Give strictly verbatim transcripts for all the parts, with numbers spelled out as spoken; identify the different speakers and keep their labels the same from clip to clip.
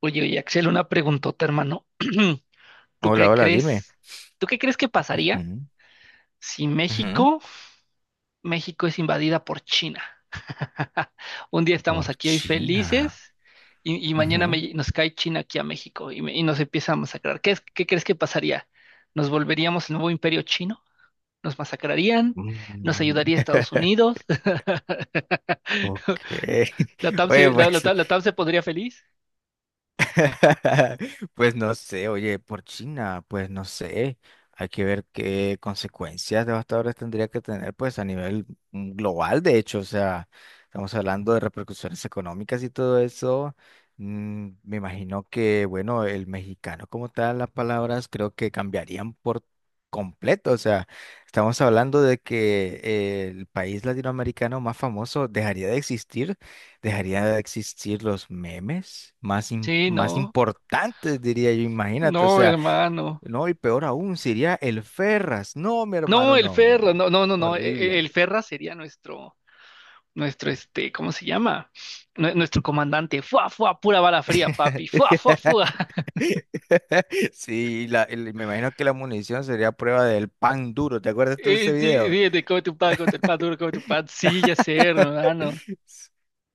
Speaker 1: Oye, oye, Axel, una preguntota, hermano. ¿Tú
Speaker 2: Hola,
Speaker 1: qué
Speaker 2: hola, dime.
Speaker 1: crees? ¿Tú qué crees que pasaría
Speaker 2: Ujú,
Speaker 1: si
Speaker 2: ujú.
Speaker 1: México, México es invadida por China? Un día estamos aquí hoy
Speaker 2: Orchina.
Speaker 1: felices y, y mañana
Speaker 2: Ujú.
Speaker 1: me- nos cae China aquí a México y, me- y nos empieza a masacrar. ¿Qué, es- qué crees que pasaría? ¿Nos volveríamos el nuevo imperio chino? ¿Nos masacrarían? ¿Nos
Speaker 2: Mm.
Speaker 1: ayudaría Estados Unidos?
Speaker 2: Ok.
Speaker 1: ¿La T A M
Speaker 2: Oye,
Speaker 1: se, la, la
Speaker 2: pues
Speaker 1: T A M la T A M se pondría feliz?
Speaker 2: Pues no sé, oye, por China, pues no sé. Hay que ver qué consecuencias devastadoras tendría que tener, pues a nivel mm, global, de hecho, o sea, estamos hablando de repercusiones económicas y todo eso. Mm, me imagino que, bueno, el mexicano como tal, las palabras creo que cambiarían por completo, o sea, estamos hablando de que eh, el país latinoamericano más famoso dejaría de existir. Dejaría de existir los memes más, im-
Speaker 1: Sí,
Speaker 2: más
Speaker 1: no,
Speaker 2: importantes, diría yo, imagínate, o
Speaker 1: no,
Speaker 2: sea,
Speaker 1: hermano.
Speaker 2: no, y peor aún, sería el Ferras. No, mi
Speaker 1: No,
Speaker 2: hermano,
Speaker 1: el
Speaker 2: no, no,
Speaker 1: Ferra,
Speaker 2: no.
Speaker 1: no, no, no, no, e- e- el
Speaker 2: Horrible.
Speaker 1: Ferra sería nuestro, nuestro, este, ¿cómo se llama? Nue- nuestro comandante, fuá, fuá, pura bala fría, papi, fuá, fuá, fuá.
Speaker 2: Sí, la- el- me imagino que la munición sería prueba del pan duro, ¿te acuerdas tú de ese
Speaker 1: Eh, sí,
Speaker 2: video?
Speaker 1: fíjate, come tu pan, come tu pan duro, come tu pan, sí, ya sé, hermano,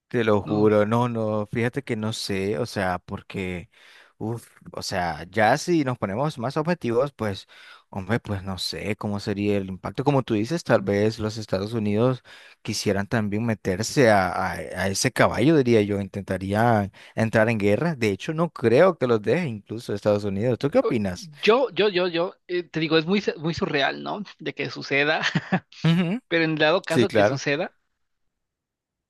Speaker 2: Te lo
Speaker 1: no.
Speaker 2: juro, no, no, fíjate que no sé, o sea, porque, uff, o sea, ya si nos ponemos más objetivos, pues, hombre, pues no sé cómo sería el impacto. Como tú dices, tal vez los Estados Unidos quisieran también meterse a, a- a ese caballo, diría yo, intentarían entrar en guerra. De hecho, no creo que los deje incluso Estados Unidos. ¿Tú qué
Speaker 1: O-
Speaker 2: opinas?
Speaker 1: Yo, yo, yo, yo, eh, te digo, es muy, su- muy surreal, ¿no? De que suceda,
Speaker 2: Ujú,
Speaker 1: pero en dado
Speaker 2: sí,
Speaker 1: caso que
Speaker 2: claro,
Speaker 1: suceda,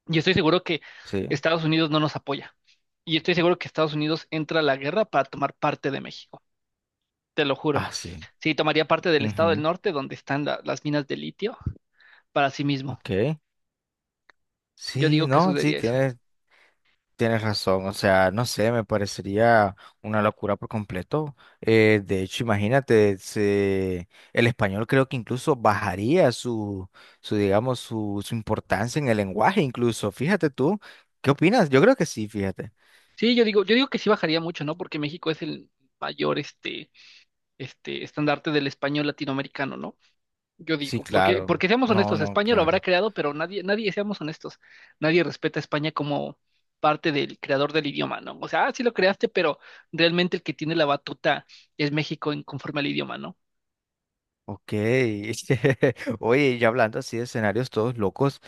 Speaker 1: yo estoy seguro que
Speaker 2: sí.
Speaker 1: Estados Unidos no nos apoya, y estoy seguro que Estados Unidos entra a la guerra para tomar parte de México, te lo juro.
Speaker 2: Ah, sí.
Speaker 1: Sí, tomaría parte del estado del
Speaker 2: Ujú.
Speaker 1: norte donde están la- las minas de litio para sí mismo.
Speaker 2: Ok.
Speaker 1: Yo
Speaker 2: Sí,
Speaker 1: digo que
Speaker 2: no, sí,
Speaker 1: sucedería eso.
Speaker 2: tienes. Tienes razón, o sea, no sé, me parecería una locura por completo. Eh, de hecho, imagínate, se- el español creo que incluso bajaría su, su digamos, su, su importancia en el lenguaje, incluso. Fíjate tú, ¿qué opinas? Yo creo que sí, fíjate.
Speaker 1: Sí, yo digo, yo digo que sí bajaría mucho, ¿no? Porque México es el mayor este, este estandarte del español latinoamericano, ¿no? Yo
Speaker 2: Sí,
Speaker 1: digo, porque,
Speaker 2: claro.
Speaker 1: porque seamos
Speaker 2: No,
Speaker 1: honestos,
Speaker 2: no,
Speaker 1: España lo habrá
Speaker 2: claro.
Speaker 1: creado, pero nadie, nadie, seamos honestos, nadie respeta a España como parte del creador del idioma, ¿no? O sea, ah, sí lo creaste, pero realmente el que tiene la batuta es México en conforme al idioma, ¿no?
Speaker 2: Ok. Oye, ya hablando así de escenarios todos locos,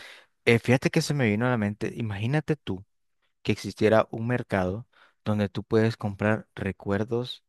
Speaker 2: eh, fíjate que se me vino a la mente, imagínate tú que existiera un mercado donde tú puedes comprar recuerdos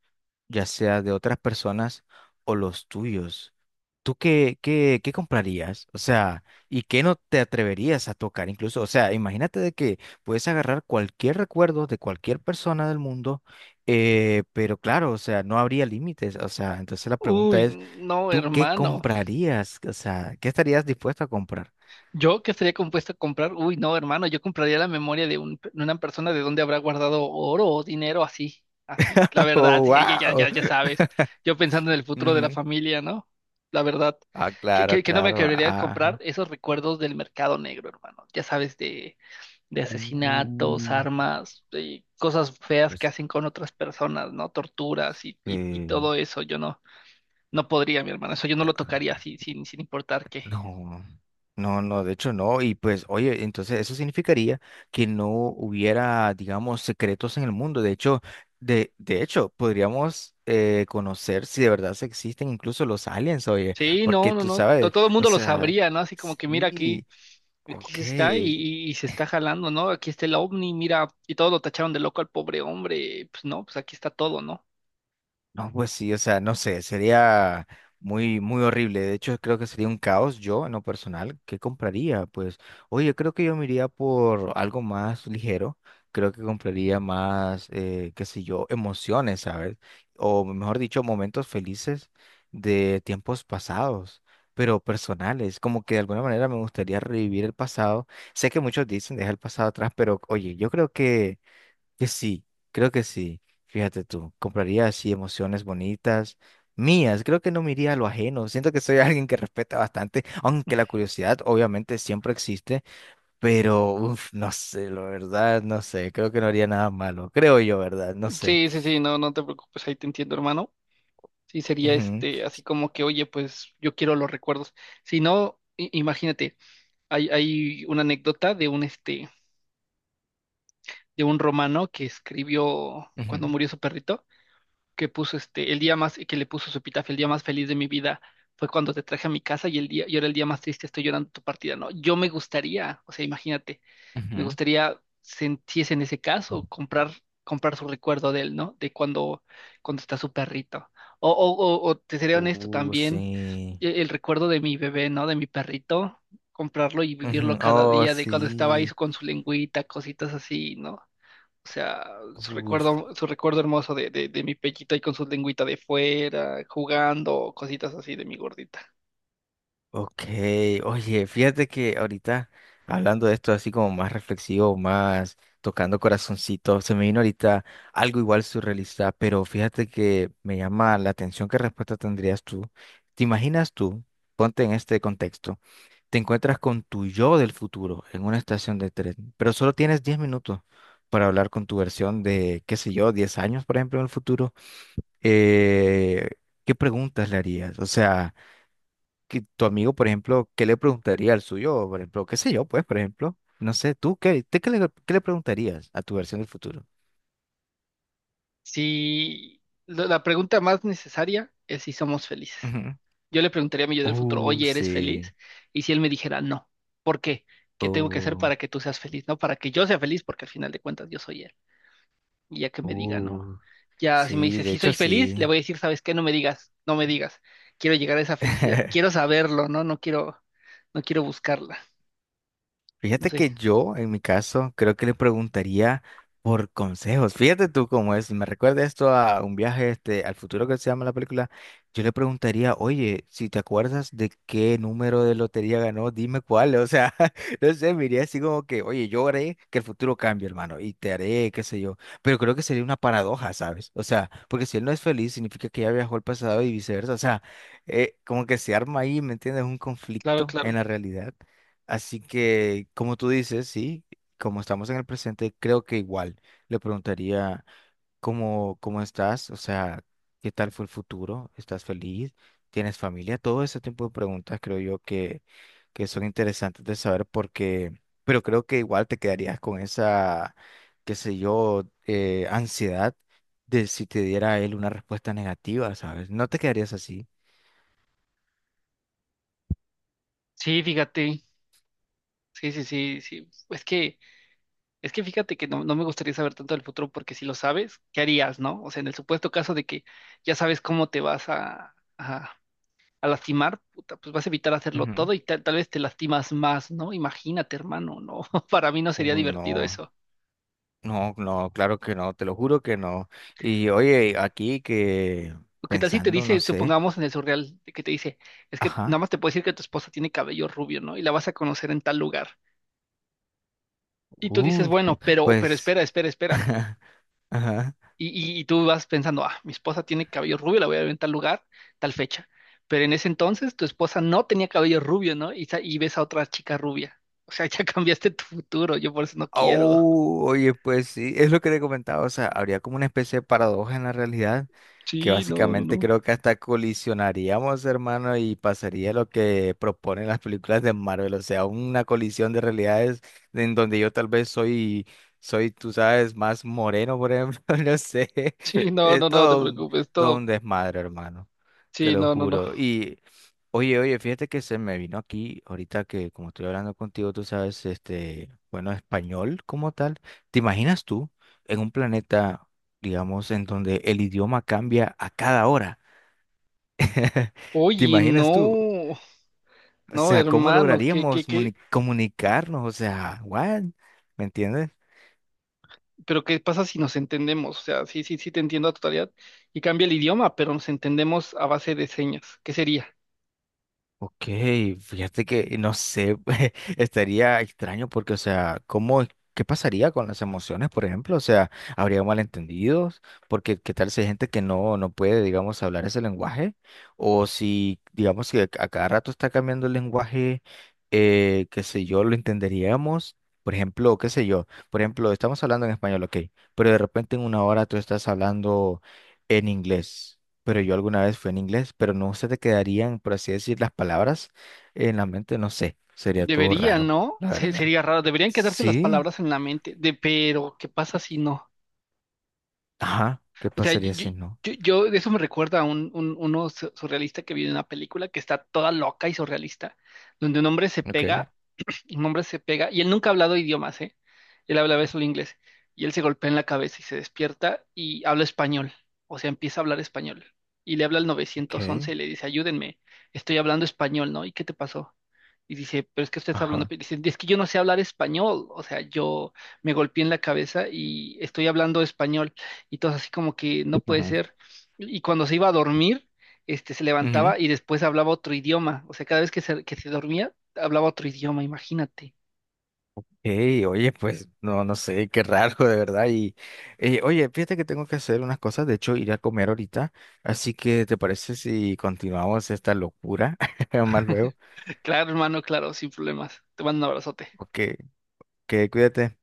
Speaker 2: ya sea de otras personas o los tuyos. ¿Tú qué, qué, qué comprarías? O sea, ¿y qué no te atreverías a tocar incluso? O sea, imagínate de que puedes agarrar cualquier recuerdo de cualquier persona del mundo, eh, pero claro, o sea, no habría límites. O sea, entonces la pregunta
Speaker 1: Uy,
Speaker 2: es,
Speaker 1: no,
Speaker 2: ¿tú qué
Speaker 1: hermano.
Speaker 2: comprarías? O sea, ¿qué estarías dispuesto a comprar?
Speaker 1: Yo que estaría compuesto a comprar, uy, no, hermano, yo compraría la memoria de, un, de una persona de donde habrá guardado oro o dinero así, así, la verdad,
Speaker 2: Oh,
Speaker 1: sí, ya, ya,
Speaker 2: wow.
Speaker 1: ya, ya sabes, yo pensando en el futuro de la familia, ¿no? La verdad,
Speaker 2: Ah,
Speaker 1: que,
Speaker 2: claro,
Speaker 1: que, que no me
Speaker 2: claro.
Speaker 1: querría comprar
Speaker 2: Ajá.
Speaker 1: esos recuerdos del mercado negro, hermano, ya sabes, de, de asesinatos,
Speaker 2: Uh,
Speaker 1: armas, de cosas feas que
Speaker 2: pues,
Speaker 1: hacen con otras personas, ¿no? Torturas y, y, y todo eso, yo no, no podría, mi hermano, eso yo no lo tocaría así, sin, sin importar qué.
Speaker 2: no, no, no, de hecho no. Y pues, oye, entonces eso significaría que no hubiera, digamos, secretos en el mundo. De hecho, de, de hecho, podríamos eh, conocer si de verdad se existen incluso los aliens, oye,
Speaker 1: Sí,
Speaker 2: porque
Speaker 1: no, no,
Speaker 2: tú
Speaker 1: no, to-
Speaker 2: sabes,
Speaker 1: todo el
Speaker 2: o
Speaker 1: mundo lo
Speaker 2: sea,
Speaker 1: sabría, ¿no? Así como que mira aquí,
Speaker 2: sí,
Speaker 1: aquí
Speaker 2: ok,
Speaker 1: se está y, y- y se está jalando, ¿no? Aquí está el ovni, mira, y todos lo tacharon de loco al pobre hombre, pues no, pues aquí está todo, ¿no?
Speaker 2: no, pues sí, o sea, no sé, sería muy, muy horrible. De hecho, creo que sería un caos yo, en lo personal. ¿Qué compraría? Pues, oye, creo que yo me iría por algo más ligero. Creo que compraría más, eh, qué sé yo, emociones, ¿sabes? O mejor dicho, momentos felices de tiempos pasados, pero personales. Como que de alguna manera me gustaría revivir el pasado. Sé que muchos dicen deja el pasado atrás, pero oye, yo creo que que sí, creo que sí. Fíjate tú, compraría así emociones bonitas, mías. Creo que no me iría a lo ajeno. Siento que soy alguien que respeta bastante, aunque la curiosidad obviamente siempre existe, pero uf, no sé, la verdad, no sé. Creo que no haría nada malo. Creo yo, ¿verdad? No sé.
Speaker 1: Sí, sí, sí, no, no te preocupes, ahí te entiendo, hermano. Sí, sería
Speaker 2: Ujú,
Speaker 1: este, así como que, oye, pues yo quiero los recuerdos. Si no, i- imagínate, hay, hay una anécdota de un este, de un romano que escribió cuando
Speaker 2: ujú,
Speaker 1: murió su perrito. Que puso este, el día más, que le puso su epitafio, el día más feliz de mi vida fue cuando te traje a mi casa y el día, y ahora el día más triste estoy llorando tu partida, ¿no? Yo me gustaría, o sea, imagínate, me
Speaker 2: ujú.
Speaker 1: gustaría si es en ese caso, comprar, comprar su recuerdo de él, ¿no? De cuando, cuando está su perrito. O, o, o, o te seré honesto
Speaker 2: Uh,
Speaker 1: también,
Speaker 2: sí.
Speaker 1: e- el recuerdo de mi bebé, ¿no? De mi perrito, comprarlo y vivirlo
Speaker 2: Ujú.
Speaker 1: cada
Speaker 2: Oh,
Speaker 1: día, de cuando estaba ahí
Speaker 2: sí.
Speaker 1: con su lengüita, cositas así, ¿no? O sea, su
Speaker 2: Uf.
Speaker 1: recuerdo, su recuerdo hermoso de, de, de mi pechito ahí con su lengüita de fuera, jugando, cositas así de mi gordita.
Speaker 2: Ok, oye, fíjate que ahorita hablando de esto así como más reflexivo, más tocando corazoncito, se me vino ahorita algo igual surrealista, pero fíjate que me llama la atención qué respuesta tendrías tú. ¿Te imaginas tú, ponte en este contexto, te encuentras con tu yo del futuro en una estación de tren, pero solo tienes diez minutos para hablar con tu versión de, qué sé yo, diez años, por ejemplo, en el futuro? Eh, ¿qué preguntas le harías? O sea que tu amigo, por ejemplo, ¿qué le preguntaría al suyo? Por ejemplo, qué sé yo, pues, por ejemplo, no sé, tú, ¿qué, te- qué le, qué le preguntarías a tu versión del futuro?
Speaker 1: Si la la pregunta más necesaria es si somos felices.
Speaker 2: Ujú.
Speaker 1: Yo le preguntaría a mi yo del futuro,
Speaker 2: Uh,
Speaker 1: oye, ¿eres
Speaker 2: sí.
Speaker 1: feliz? Y si él me dijera, no, ¿por qué? ¿Qué tengo que hacer
Speaker 2: Uh,
Speaker 1: para que tú seas feliz? No, para que yo sea feliz, porque al final de cuentas yo soy él. Y ya que me diga, no.
Speaker 2: uh,
Speaker 1: Ya si me
Speaker 2: sí,
Speaker 1: dice,
Speaker 2: de
Speaker 1: sí
Speaker 2: hecho
Speaker 1: soy feliz, le
Speaker 2: sí.
Speaker 1: voy a decir, ¿sabes qué? No me digas, no me digas. Quiero llegar a esa felicidad. Quiero saberlo, ¿no? No quiero, no quiero buscarla. No
Speaker 2: Fíjate
Speaker 1: sé,
Speaker 2: que yo, en mi caso, creo que le preguntaría por consejos. Fíjate tú cómo es. Si Me recuerda esto a un viaje este, al futuro que se llama la película. Yo le preguntaría, oye, si te acuerdas de qué número de lotería ganó, dime cuál. O sea, no sé, me iría así como que, oye, yo haré que el futuro cambie, hermano, y te haré, qué sé yo. Pero creo que sería una paradoja, ¿sabes? O sea, porque si él no es feliz, significa que ya viajó al pasado y viceversa. O sea, eh, como que se arma ahí, ¿me entiendes? Un
Speaker 1: claro,
Speaker 2: conflicto en
Speaker 1: claro.
Speaker 2: la realidad. Así que, como tú dices, sí, como estamos en el presente, creo que igual le preguntaría cómo, cómo estás, o sea, qué tal fue el futuro, estás feliz, tienes familia, todo ese tipo de preguntas creo yo que, que son interesantes de saber porque, pero creo que igual te quedarías con esa, qué sé yo, eh, ansiedad de si te diera él una respuesta negativa, ¿sabes? No te quedarías así.
Speaker 1: Sí, fíjate. Sí, sí, sí, sí. Es que, es que fíjate que no, no me gustaría saber tanto del futuro porque si lo sabes, ¿qué harías, no? O sea, en el supuesto caso de que ya sabes cómo te vas a, a, a lastimar, puta, pues vas a evitar hacerlo
Speaker 2: Ujú.
Speaker 1: todo y tal, tal vez te lastimas más, ¿no? Imagínate, hermano, no. Para mí no sería
Speaker 2: Uh,
Speaker 1: divertido
Speaker 2: no.
Speaker 1: eso.
Speaker 2: No, no, claro que no, te lo juro que no. Y oye, aquí que
Speaker 1: ¿O ¿Qué tal si te
Speaker 2: pensando, no
Speaker 1: dice,
Speaker 2: sé.
Speaker 1: supongamos en el surreal, de que te dice, es que nada
Speaker 2: Ajá.
Speaker 1: más te puedo decir que tu esposa tiene cabello rubio, ¿no? Y la vas a conocer en tal lugar. Y tú dices,
Speaker 2: Uf,
Speaker 1: bueno, pero, pero
Speaker 2: pues.
Speaker 1: espera, espera, espera.
Speaker 2: Ajá.
Speaker 1: Y, y- y tú vas pensando, ah, mi esposa tiene cabello rubio, la voy a ver en tal lugar, tal fecha. Pero en ese entonces tu esposa no tenía cabello rubio, ¿no? Y, sa- y ves a otra chica rubia. O sea, ya cambiaste tu futuro, yo por eso no quiero.
Speaker 2: Oh, oye, pues sí, es lo que le comentaba, o sea, habría como una especie de paradoja en la realidad, que
Speaker 1: Sí, no, no,
Speaker 2: básicamente
Speaker 1: no.
Speaker 2: creo que hasta colisionaríamos, hermano, y pasaría lo que proponen las películas de Marvel, o sea, una colisión de realidades en donde yo tal vez soy, soy, tú sabes, más moreno, por ejemplo, no sé,
Speaker 1: Sí, no, no,
Speaker 2: es
Speaker 1: no te
Speaker 2: todo un,
Speaker 1: preocupes,
Speaker 2: todo
Speaker 1: todo.
Speaker 2: un desmadre, hermano, te
Speaker 1: Sí,
Speaker 2: lo
Speaker 1: no, no, no.
Speaker 2: juro. Oye, oye, fíjate que se me vino aquí, ahorita que como estoy hablando contigo, tú sabes, este, bueno, español como tal. ¿Te imaginas tú en un planeta, digamos, en donde el idioma cambia a cada hora? ¿Te
Speaker 1: Oye,
Speaker 2: imaginas tú?
Speaker 1: no,
Speaker 2: O
Speaker 1: no,
Speaker 2: sea, ¿cómo
Speaker 1: hermano, ¿qué, qué,
Speaker 2: lograríamos muni-
Speaker 1: qué?
Speaker 2: comunicarnos? O sea, ¿what? ¿Me entiendes?
Speaker 1: Pero ¿qué pasa si nos entendemos? O sea, sí, sí, sí te entiendo a totalidad y cambia el idioma, pero nos entendemos a base de señas. ¿Qué sería?
Speaker 2: Ok, fíjate que no sé, estaría extraño porque, o sea, ¿cómo, es- qué pasaría con las emociones, por ejemplo? O sea, ¿habría malentendidos? Porque, ¿qué tal si hay gente que no, no puede, digamos, hablar ese lenguaje? O si, digamos, que a cada rato está cambiando el lenguaje, eh, qué sé yo, lo entenderíamos. Por ejemplo, qué sé yo, por ejemplo, estamos hablando en español, ok, pero de repente en una hora tú estás hablando en inglés. Pero yo alguna vez fue en inglés, pero no se te quedarían, por así decir, las palabras en la mente, no sé, sería todo
Speaker 1: Deberían,
Speaker 2: raro,
Speaker 1: ¿no?
Speaker 2: la
Speaker 1: Se-
Speaker 2: verdad.
Speaker 1: sería raro. Deberían quedarse las
Speaker 2: Sí,
Speaker 1: palabras en la mente. De, pero, ¿qué pasa si no?
Speaker 2: ajá, ¿qué
Speaker 1: O sea, yo,
Speaker 2: pasaría
Speaker 1: yo,
Speaker 2: si no?
Speaker 1: yo- yo- de eso me recuerda a un, un- uno su- surrealista que vi en una película que está toda loca y surrealista, donde un hombre se
Speaker 2: Okay.
Speaker 1: pega el nombre se pega y él nunca ha hablado idiomas, ¿eh? Él hablaba solo inglés y él se golpea en la cabeza y se despierta y habla español, o sea, empieza a hablar español y le habla al
Speaker 2: Okay,
Speaker 1: nueve once y le dice, ayúdenme, estoy hablando español, ¿no? ¿Y qué te pasó? Y dice, pero es que usted está hablando,
Speaker 2: ajá.
Speaker 1: pe-". dice, es que yo no sé hablar español, o sea, yo me golpeé en la cabeza y estoy hablando español y todo así como que no puede
Speaker 2: Ajá.
Speaker 1: ser. Y y cuando se iba a dormir, este, se
Speaker 2: Ujú.
Speaker 1: levantaba y después hablaba otro idioma. O sea, cada vez que se, que se dormía, hablaba otro idioma, imagínate.
Speaker 2: Ey, oye, pues no, no sé, qué raro de verdad. Y eh, oye, fíjate que tengo que hacer unas cosas, de hecho iré a comer ahorita, así que ¿te parece si continuamos esta locura más luego?
Speaker 1: Claro, hermano, claro, sin problemas. Te mando un abrazote.
Speaker 2: Ok, que cuídate.